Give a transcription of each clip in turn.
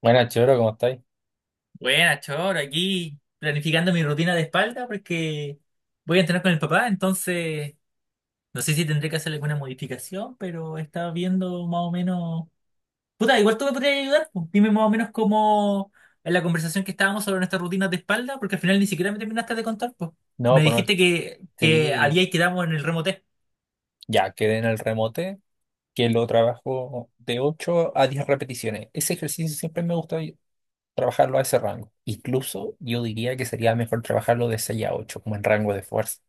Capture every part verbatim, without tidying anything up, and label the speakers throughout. Speaker 1: Buenas, Choro, ¿cómo estáis?
Speaker 2: Buena, Choro, aquí planificando mi rutina de espalda porque voy a entrenar con el papá, entonces no sé si tendré que hacer alguna modificación, pero estaba viendo más o menos. Puta, igual tú me podrías ayudar, pues. Dime más o menos cómo en la conversación que estábamos sobre nuestras rutinas de espalda, porque al final ni siquiera me terminaste de contar, pues.
Speaker 1: No,
Speaker 2: Me
Speaker 1: pues no,
Speaker 2: dijiste que, que
Speaker 1: sí,
Speaker 2: había y quedamos en el remote,
Speaker 1: ya quedé en el remote, que lo trabajo de ocho a diez repeticiones. Ese ejercicio siempre me gusta y- trabajarlo a ese rango. Incluso yo diría que sería mejor trabajarlo de seis a ocho como en rango de fuerza.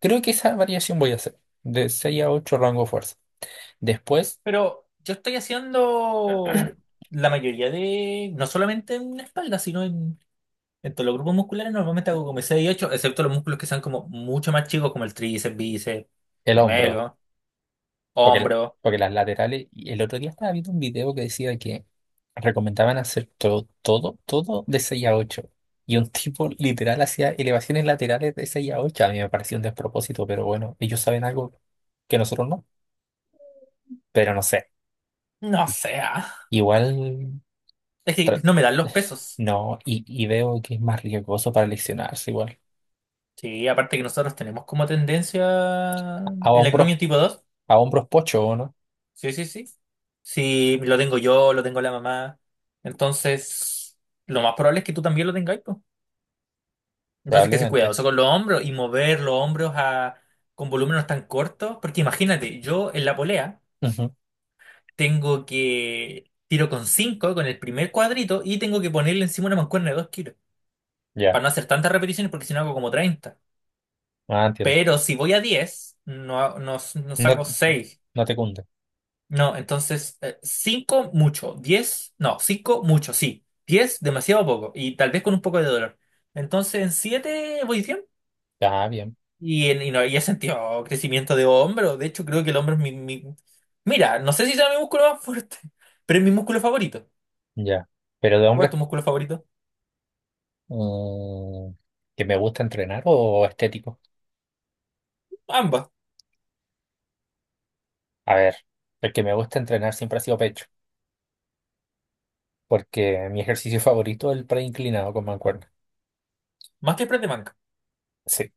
Speaker 1: Creo que esa variación voy a hacer, de seis a ocho rango de fuerza. Después,
Speaker 2: pero yo estoy haciendo la mayoría de, no solamente en espalda, sino en... Entonces, los grupos musculares normalmente hago como seis y ocho, excepto los músculos que sean como mucho más chicos, como el tríceps, bíceps,
Speaker 1: el hombro.
Speaker 2: gemelo,
Speaker 1: Porque, la-
Speaker 2: hombro.
Speaker 1: Porque las laterales, y el otro día estaba viendo un video que decía que recomendaban hacer todo, todo, todo de seis a ocho. Y un tipo literal hacía elevaciones laterales de seis a ocho. A mí me pareció un despropósito, pero bueno, ellos saben algo que nosotros no. Pero no sé.
Speaker 2: No sé. Ah.
Speaker 1: Igual
Speaker 2: Es que
Speaker 1: tra-
Speaker 2: no me dan los pesos.
Speaker 1: no, y, y veo que es más riesgoso para leccionarse igual.
Speaker 2: Sí, aparte que nosotros tenemos como tendencia
Speaker 1: A
Speaker 2: el
Speaker 1: hombros,
Speaker 2: acromio tipo dos.
Speaker 1: a hombros pocho, ¿o no?
Speaker 2: Sí, sí, sí. Sí, lo tengo yo, lo tengo la mamá. Entonces, lo más probable es que tú también lo tengas, pues. Entonces, que ser
Speaker 1: Probablemente.
Speaker 2: cuidadoso con los hombros y mover los hombros a, con volúmenes tan cortos. Porque imagínate, yo en la polea
Speaker 1: Ujú.
Speaker 2: tengo que tiro con cinco con el primer cuadrito y tengo que ponerle encima una mancuerna de dos kilos
Speaker 1: Ya.
Speaker 2: para no hacer tantas repeticiones porque si no hago como treinta.
Speaker 1: Ah, entiendo.
Speaker 2: Pero si voy a diez no, no, no
Speaker 1: No,
Speaker 2: saco seis.
Speaker 1: no te cunde.
Speaker 2: No, entonces eh, cinco mucho, diez no, cinco mucho, sí. Diez demasiado poco y tal vez con un poco de dolor. Entonces en siete voy bien
Speaker 1: Ya, bien.
Speaker 2: y, en- y, no, y he sentido crecimiento de hombro. De hecho creo que el hombro es mi... mi- Mira, no sé si sea mi músculo más fuerte, pero es mi músculo favorito.
Speaker 1: Ya. Pero de
Speaker 2: ¿Cuál es
Speaker 1: hombres.
Speaker 2: tu músculo favorito?
Speaker 1: Mm, ¿que me gusta entrenar o estético?
Speaker 2: Ambas,
Speaker 1: A ver, el que me gusta entrenar siempre ha sido pecho, porque mi ejercicio favorito es el pre inclinado con mancuerna.
Speaker 2: más que Spray de banca.
Speaker 1: Sí.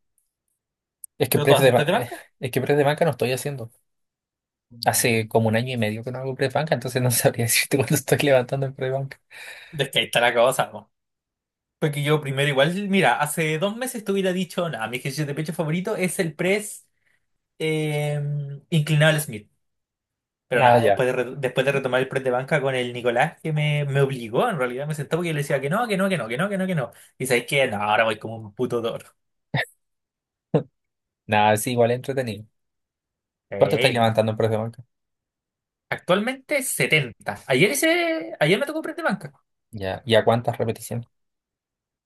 Speaker 1: Es que
Speaker 2: ¿Pero tú
Speaker 1: press de,
Speaker 2: haces Spray
Speaker 1: ba-
Speaker 2: de
Speaker 1: eh,
Speaker 2: banca?
Speaker 1: es que press de banca no estoy haciendo.
Speaker 2: Mm.
Speaker 1: Hace como un año y medio que no hago press banca, entonces no sabría decirte cuánto estoy levantando en press banca.
Speaker 2: Es que ahí está la cosa, ¿no? Porque yo primero igual, mira, hace dos meses te hubiera dicho, nada, mi ejercicio de pecho favorito es el press eh, inclinado al Smith. Pero
Speaker 1: Nada,
Speaker 2: nada,
Speaker 1: ya.
Speaker 2: después de, re- después de retomar el press de banca con el Nicolás, que me, me obligó, en realidad me sentó porque yo le decía que no, que no, que no, que no, que no, que no. Y sabéis que no, ahora voy como un puto toro.
Speaker 1: Nada, sí, igual es entretenido. ¿Cuánto estáis
Speaker 2: Eh,
Speaker 1: levantando en press de banca?
Speaker 2: Actualmente setenta. Ayer, hice, ayer me tocó press de banca.
Speaker 1: Ya. ¿Y a cuántas repeticiones?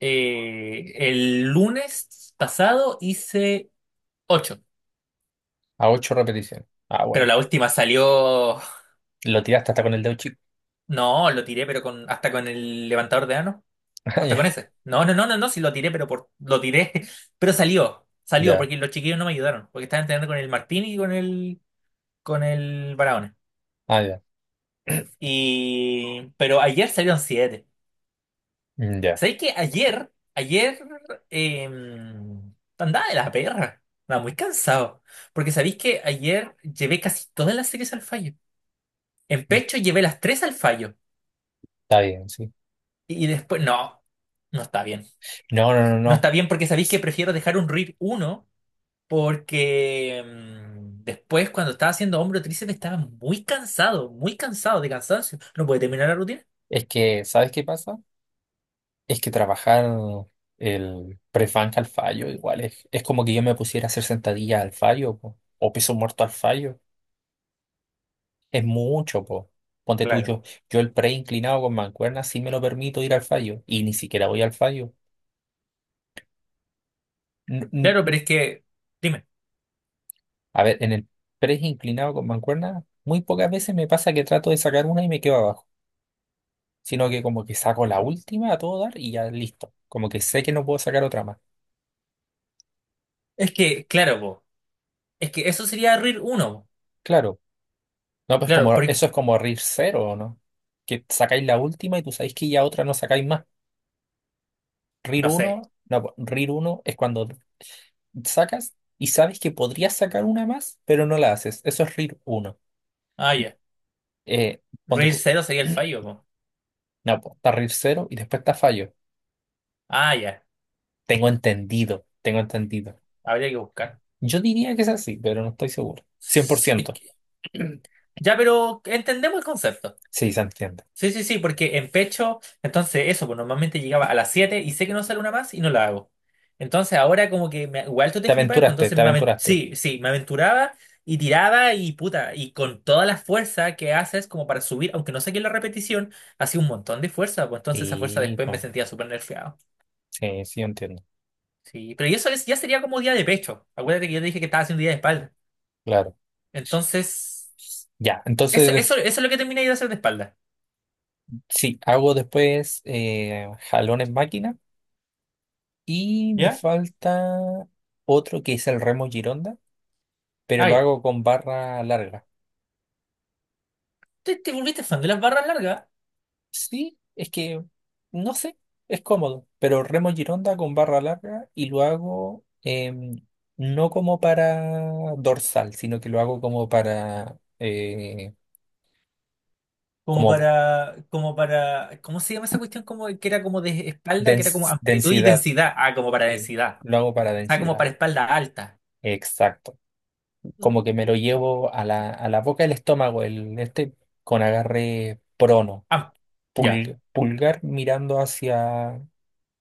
Speaker 2: Eh, el lunes pasado hice ocho.
Speaker 1: A ocho repeticiones. Ah,
Speaker 2: Pero
Speaker 1: bueno.
Speaker 2: la última salió.
Speaker 1: Lo tiraste hasta con el dedo chico.
Speaker 2: No, lo tiré, pero con hasta con el levantador de ano.
Speaker 1: Ah,
Speaker 2: Hasta con
Speaker 1: ya.
Speaker 2: ese. No, no, no, no, no, sí lo tiré, pero por lo tiré. Pero salió. Salió,
Speaker 1: Ya.
Speaker 2: porque los chiquillos no me ayudaron. Porque estaban entrenando con el Martín y con el. con el Barahona.
Speaker 1: Ah, ya.
Speaker 2: Y. Pero ayer salieron siete.
Speaker 1: Mm, ya.
Speaker 2: ¿Sabéis que ayer? Ayer, eh, andaba de la perra. Andaba muy cansado. Porque sabéis que ayer llevé casi todas las series al fallo. En pecho llevé las tres al fallo.
Speaker 1: Está bien, sí.
Speaker 2: Y después, no, no está bien.
Speaker 1: No, no, no,
Speaker 2: No
Speaker 1: no.
Speaker 2: está bien porque sabéis que prefiero dejar un R I R uno porque mm, después cuando estaba haciendo hombro tríceps estaba muy cansado, muy cansado de cansancio. No puede terminar la rutina.
Speaker 1: Es que, ¿sabes qué pasa? Es que trabajar el press banca al fallo igual es, es como que yo me pusiera a hacer sentadillas al fallo po, o peso muerto al fallo. Es mucho, po. Ponte tú,
Speaker 2: Claro.
Speaker 1: yo, yo el pre inclinado con mancuerna sí me lo permito ir al fallo y ni siquiera voy al fallo. N- n-
Speaker 2: Claro, pero
Speaker 1: n-
Speaker 2: es que, dime,
Speaker 1: A ver, en el pre inclinado con mancuerna muy pocas veces me pasa que trato de sacar una y me quedo abajo, sino que como que saco la última a todo dar y ya listo. Como que sé que no puedo sacar otra más.
Speaker 2: es que, claro, po, es que eso sería R I R uno, po.
Speaker 1: Claro. No, pues
Speaker 2: Claro,
Speaker 1: como eso es
Speaker 2: porque,
Speaker 1: como R I R cero, ¿o no? Que sacáis la última y tú sabéis que ya otra no sacáis más. R I R
Speaker 2: no
Speaker 1: uno
Speaker 2: sé,
Speaker 1: no, po, R I R uno es cuando sacas y sabes que podrías sacar una más, pero no la haces. Eso es R I R uno.
Speaker 2: ah, ya,
Speaker 1: Eh, ponte
Speaker 2: R I R
Speaker 1: tú.
Speaker 2: cero sería el fallo, po.
Speaker 1: No, pues está R I R cero y después está fallo.
Speaker 2: Ah, ya,
Speaker 1: Tengo entendido, tengo entendido.
Speaker 2: habría que buscar.
Speaker 1: Yo diría que es así, pero no estoy seguro. cien por
Speaker 2: Es
Speaker 1: ciento
Speaker 2: que- ya, pero entendemos el concepto.
Speaker 1: Sí, se entiende.
Speaker 2: Sí, sí, sí, porque en pecho, entonces eso, pues normalmente llegaba a las siete y sé que no sale una más y no la hago. Entonces ahora como que me- igual tú
Speaker 1: Te
Speaker 2: te flipáis, pues
Speaker 1: aventuraste,
Speaker 2: entonces
Speaker 1: te
Speaker 2: me aven-
Speaker 1: aventuraste.
Speaker 2: sí, sí, me aventuraba y tiraba y puta, y con toda la fuerza que haces como para subir, aunque no saqué la repetición, hacía un montón de fuerza, pues entonces esa fuerza
Speaker 1: Y,
Speaker 2: después me
Speaker 1: po,
Speaker 2: sentía súper nerfeado.
Speaker 1: sí, sí, yo entiendo.
Speaker 2: Sí, pero y eso es- ya sería como día de pecho. Acuérdate que yo te dije que estaba haciendo día de espalda.
Speaker 1: Claro.
Speaker 2: Entonces,
Speaker 1: Ya,
Speaker 2: eso,
Speaker 1: entonces
Speaker 2: eso, eso es lo que terminé de hacer de espalda.
Speaker 1: sí, hago después eh, jalón en máquina y me
Speaker 2: ¿Ya?
Speaker 1: falta otro que es el remo Gironda, pero
Speaker 2: Ah,
Speaker 1: lo
Speaker 2: ya.
Speaker 1: hago con barra larga.
Speaker 2: ¿Te, te volviste fan de las barras largas?
Speaker 1: Sí, es que no sé, es cómodo, pero remo Gironda con barra larga y lo hago em, no como para dorsal, sino que lo hago como para eh,
Speaker 2: Como
Speaker 1: como
Speaker 2: para, como para, ¿cómo se llama esa cuestión? Como que era como de espalda, que era como
Speaker 1: dens-
Speaker 2: amplitud y
Speaker 1: densidad.
Speaker 2: densidad. Ah, como para
Speaker 1: Sí,
Speaker 2: densidad.
Speaker 1: lo hago para
Speaker 2: Ah, como
Speaker 1: densidad.
Speaker 2: para espalda alta.
Speaker 1: Exacto. Como
Speaker 2: Mm.
Speaker 1: que me lo llevo a la, a la boca del estómago, el este, con agarre prono,
Speaker 2: Ah, ya.
Speaker 1: pul- pulgar mirando hacia,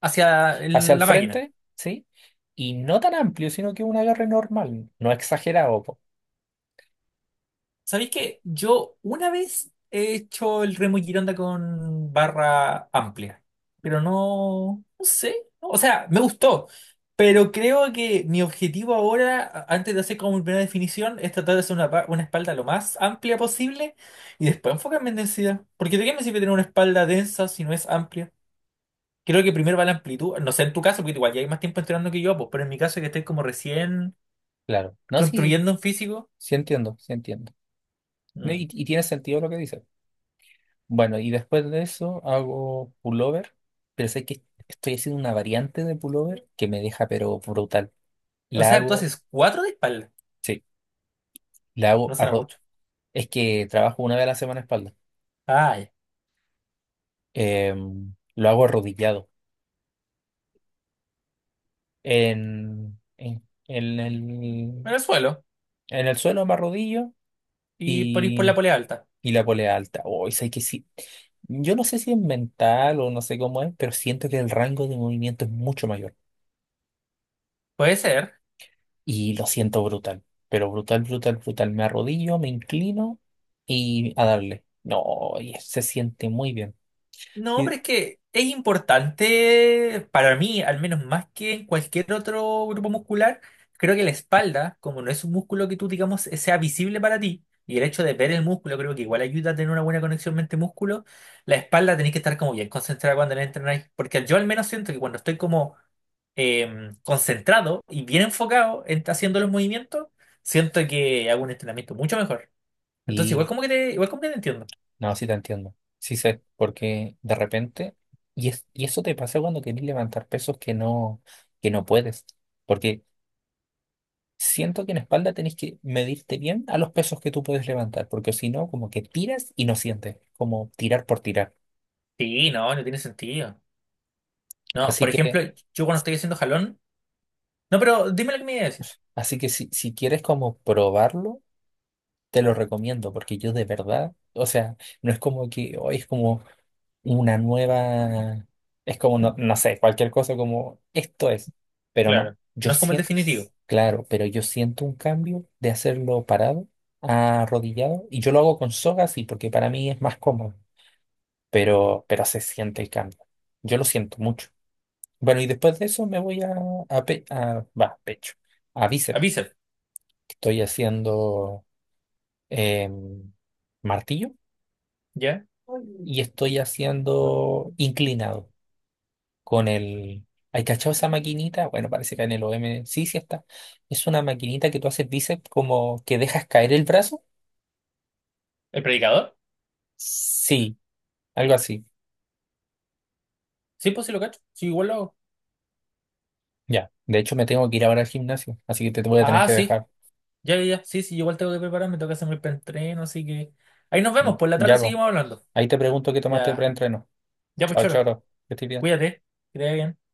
Speaker 2: Hacia
Speaker 1: hacia
Speaker 2: el-
Speaker 1: el
Speaker 2: la máquina.
Speaker 1: frente, ¿sí? Y no tan amplio, sino que un agarre normal, no exagerado, po.
Speaker 2: ¿Sabéis que yo una vez he hecho el remo y Gironda con barra amplia? Pero no, no sé. ¿No? O sea, me gustó. Pero creo que mi objetivo ahora, a- antes de hacer como mi primera definición, es tratar de hacer una, pa- una espalda lo más amplia posible y después enfocarme en densidad. Porque ¿de qué me sirve tener una espalda densa si no es amplia? Creo que primero va la amplitud. No sé en tu caso, porque igual ya hay más tiempo entrenando que yo, pues, pero en mi caso que estoy como recién
Speaker 1: Claro. No, sí,
Speaker 2: construyendo un físico.
Speaker 1: sí entiendo, sí entiendo. Ne-
Speaker 2: Mm.
Speaker 1: Y, y tiene sentido lo que dice. Bueno, y después de eso hago pullover, pero sé que estoy haciendo una variante de pullover que me deja pero brutal.
Speaker 2: O
Speaker 1: La
Speaker 2: sea, tú
Speaker 1: hago,
Speaker 2: haces cuatro de espalda.
Speaker 1: sí, la hago
Speaker 2: No será
Speaker 1: arro-
Speaker 2: mucho.
Speaker 1: es que trabajo una vez a la semana espalda.
Speaker 2: Ay,
Speaker 1: em, lo hago arrodillado. En, en, en el,
Speaker 2: Venezuela.
Speaker 1: en el suelo me arrodillo
Speaker 2: Y por ir por la
Speaker 1: y,
Speaker 2: polea alta.
Speaker 1: y la polea alta. Oh, y sé que sí. Yo no sé si es mental o no sé cómo es, pero siento que el rango de movimiento es mucho mayor.
Speaker 2: Puede ser.
Speaker 1: Y lo siento brutal. Pero brutal, brutal, brutal. Me arrodillo, me inclino y a darle. No, y se siente muy bien.
Speaker 2: No, pero es que es importante para mí, al menos más que en cualquier otro grupo muscular. Creo que la espalda, como no es un músculo que tú, digamos, eh, sea visible para ti, y el hecho de ver el músculo creo que igual ayuda a tener una buena conexión mente-músculo, la espalda tenéis que estar como bien concentrada cuando la entrenáis. Porque yo al menos siento que cuando estoy como em, concentrado y bien enfocado en haciendo los movimientos, siento que hago un entrenamiento mucho mejor. Entonces, igual
Speaker 1: Y,
Speaker 2: como que te, igual como que te entiendo.
Speaker 1: no, sí te entiendo. Sí sé, porque de repente, y, es, y eso te pasa cuando querés levantar pesos que no, que no puedes, porque siento que en espalda tenés que medirte bien a los pesos que tú puedes levantar, porque si no, como que tiras y no sientes, como tirar por tirar.
Speaker 2: Sí, no, no tiene sentido. No,
Speaker 1: Así
Speaker 2: por ejemplo,
Speaker 1: que,
Speaker 2: yo cuando estoy haciendo jalón. No, pero dime lo que me iba a decir.
Speaker 1: así que si, si quieres como probarlo, te lo recomiendo, porque yo de verdad, o sea, no es como que hoy es como una nueva, es como, no, no sé, cualquier cosa como esto es, pero no,
Speaker 2: Claro.
Speaker 1: yo
Speaker 2: No es como el
Speaker 1: siento,
Speaker 2: definitivo.
Speaker 1: claro, pero yo siento un cambio de hacerlo parado, arrodillado, y yo lo hago con soga, sí, porque para mí es más cómodo, pero, pero se siente el cambio, yo lo siento mucho. Bueno, y después de eso me voy a, a, pe- a- va, pecho, a
Speaker 2: A
Speaker 1: bíceps,
Speaker 2: bíceps,
Speaker 1: estoy haciendo em, martillo
Speaker 2: ¿ya?
Speaker 1: y estoy haciendo inclinado con el... ¿Hay cachado esa maquinita? Bueno, parece que en el O M sí, sí está. Es una maquinita que tú haces bíceps como que dejas caer el brazo.
Speaker 2: ¿El predicador?
Speaker 1: Sí, algo así.
Speaker 2: Sí, pues sí lo cacho. Sí, igual lo hago.
Speaker 1: Ya. De hecho, me tengo que ir ahora al gimnasio, así que te voy a tener
Speaker 2: Ah,
Speaker 1: que
Speaker 2: sí.
Speaker 1: dejar.
Speaker 2: Ya, ya, ya. Sí, sí, igual tengo que prepararme, tengo que hacer mi preentreno, así que. Ahí nos vemos, por la tarde
Speaker 1: Ya, po.
Speaker 2: seguimos hablando.
Speaker 1: Ahí te pregunto qué tomaste de
Speaker 2: Ya,
Speaker 1: preentreno.
Speaker 2: ya, pues,
Speaker 1: Chao,
Speaker 2: Choro.
Speaker 1: choro. Que estés bien.
Speaker 2: Cuídate. Que te vaya bien.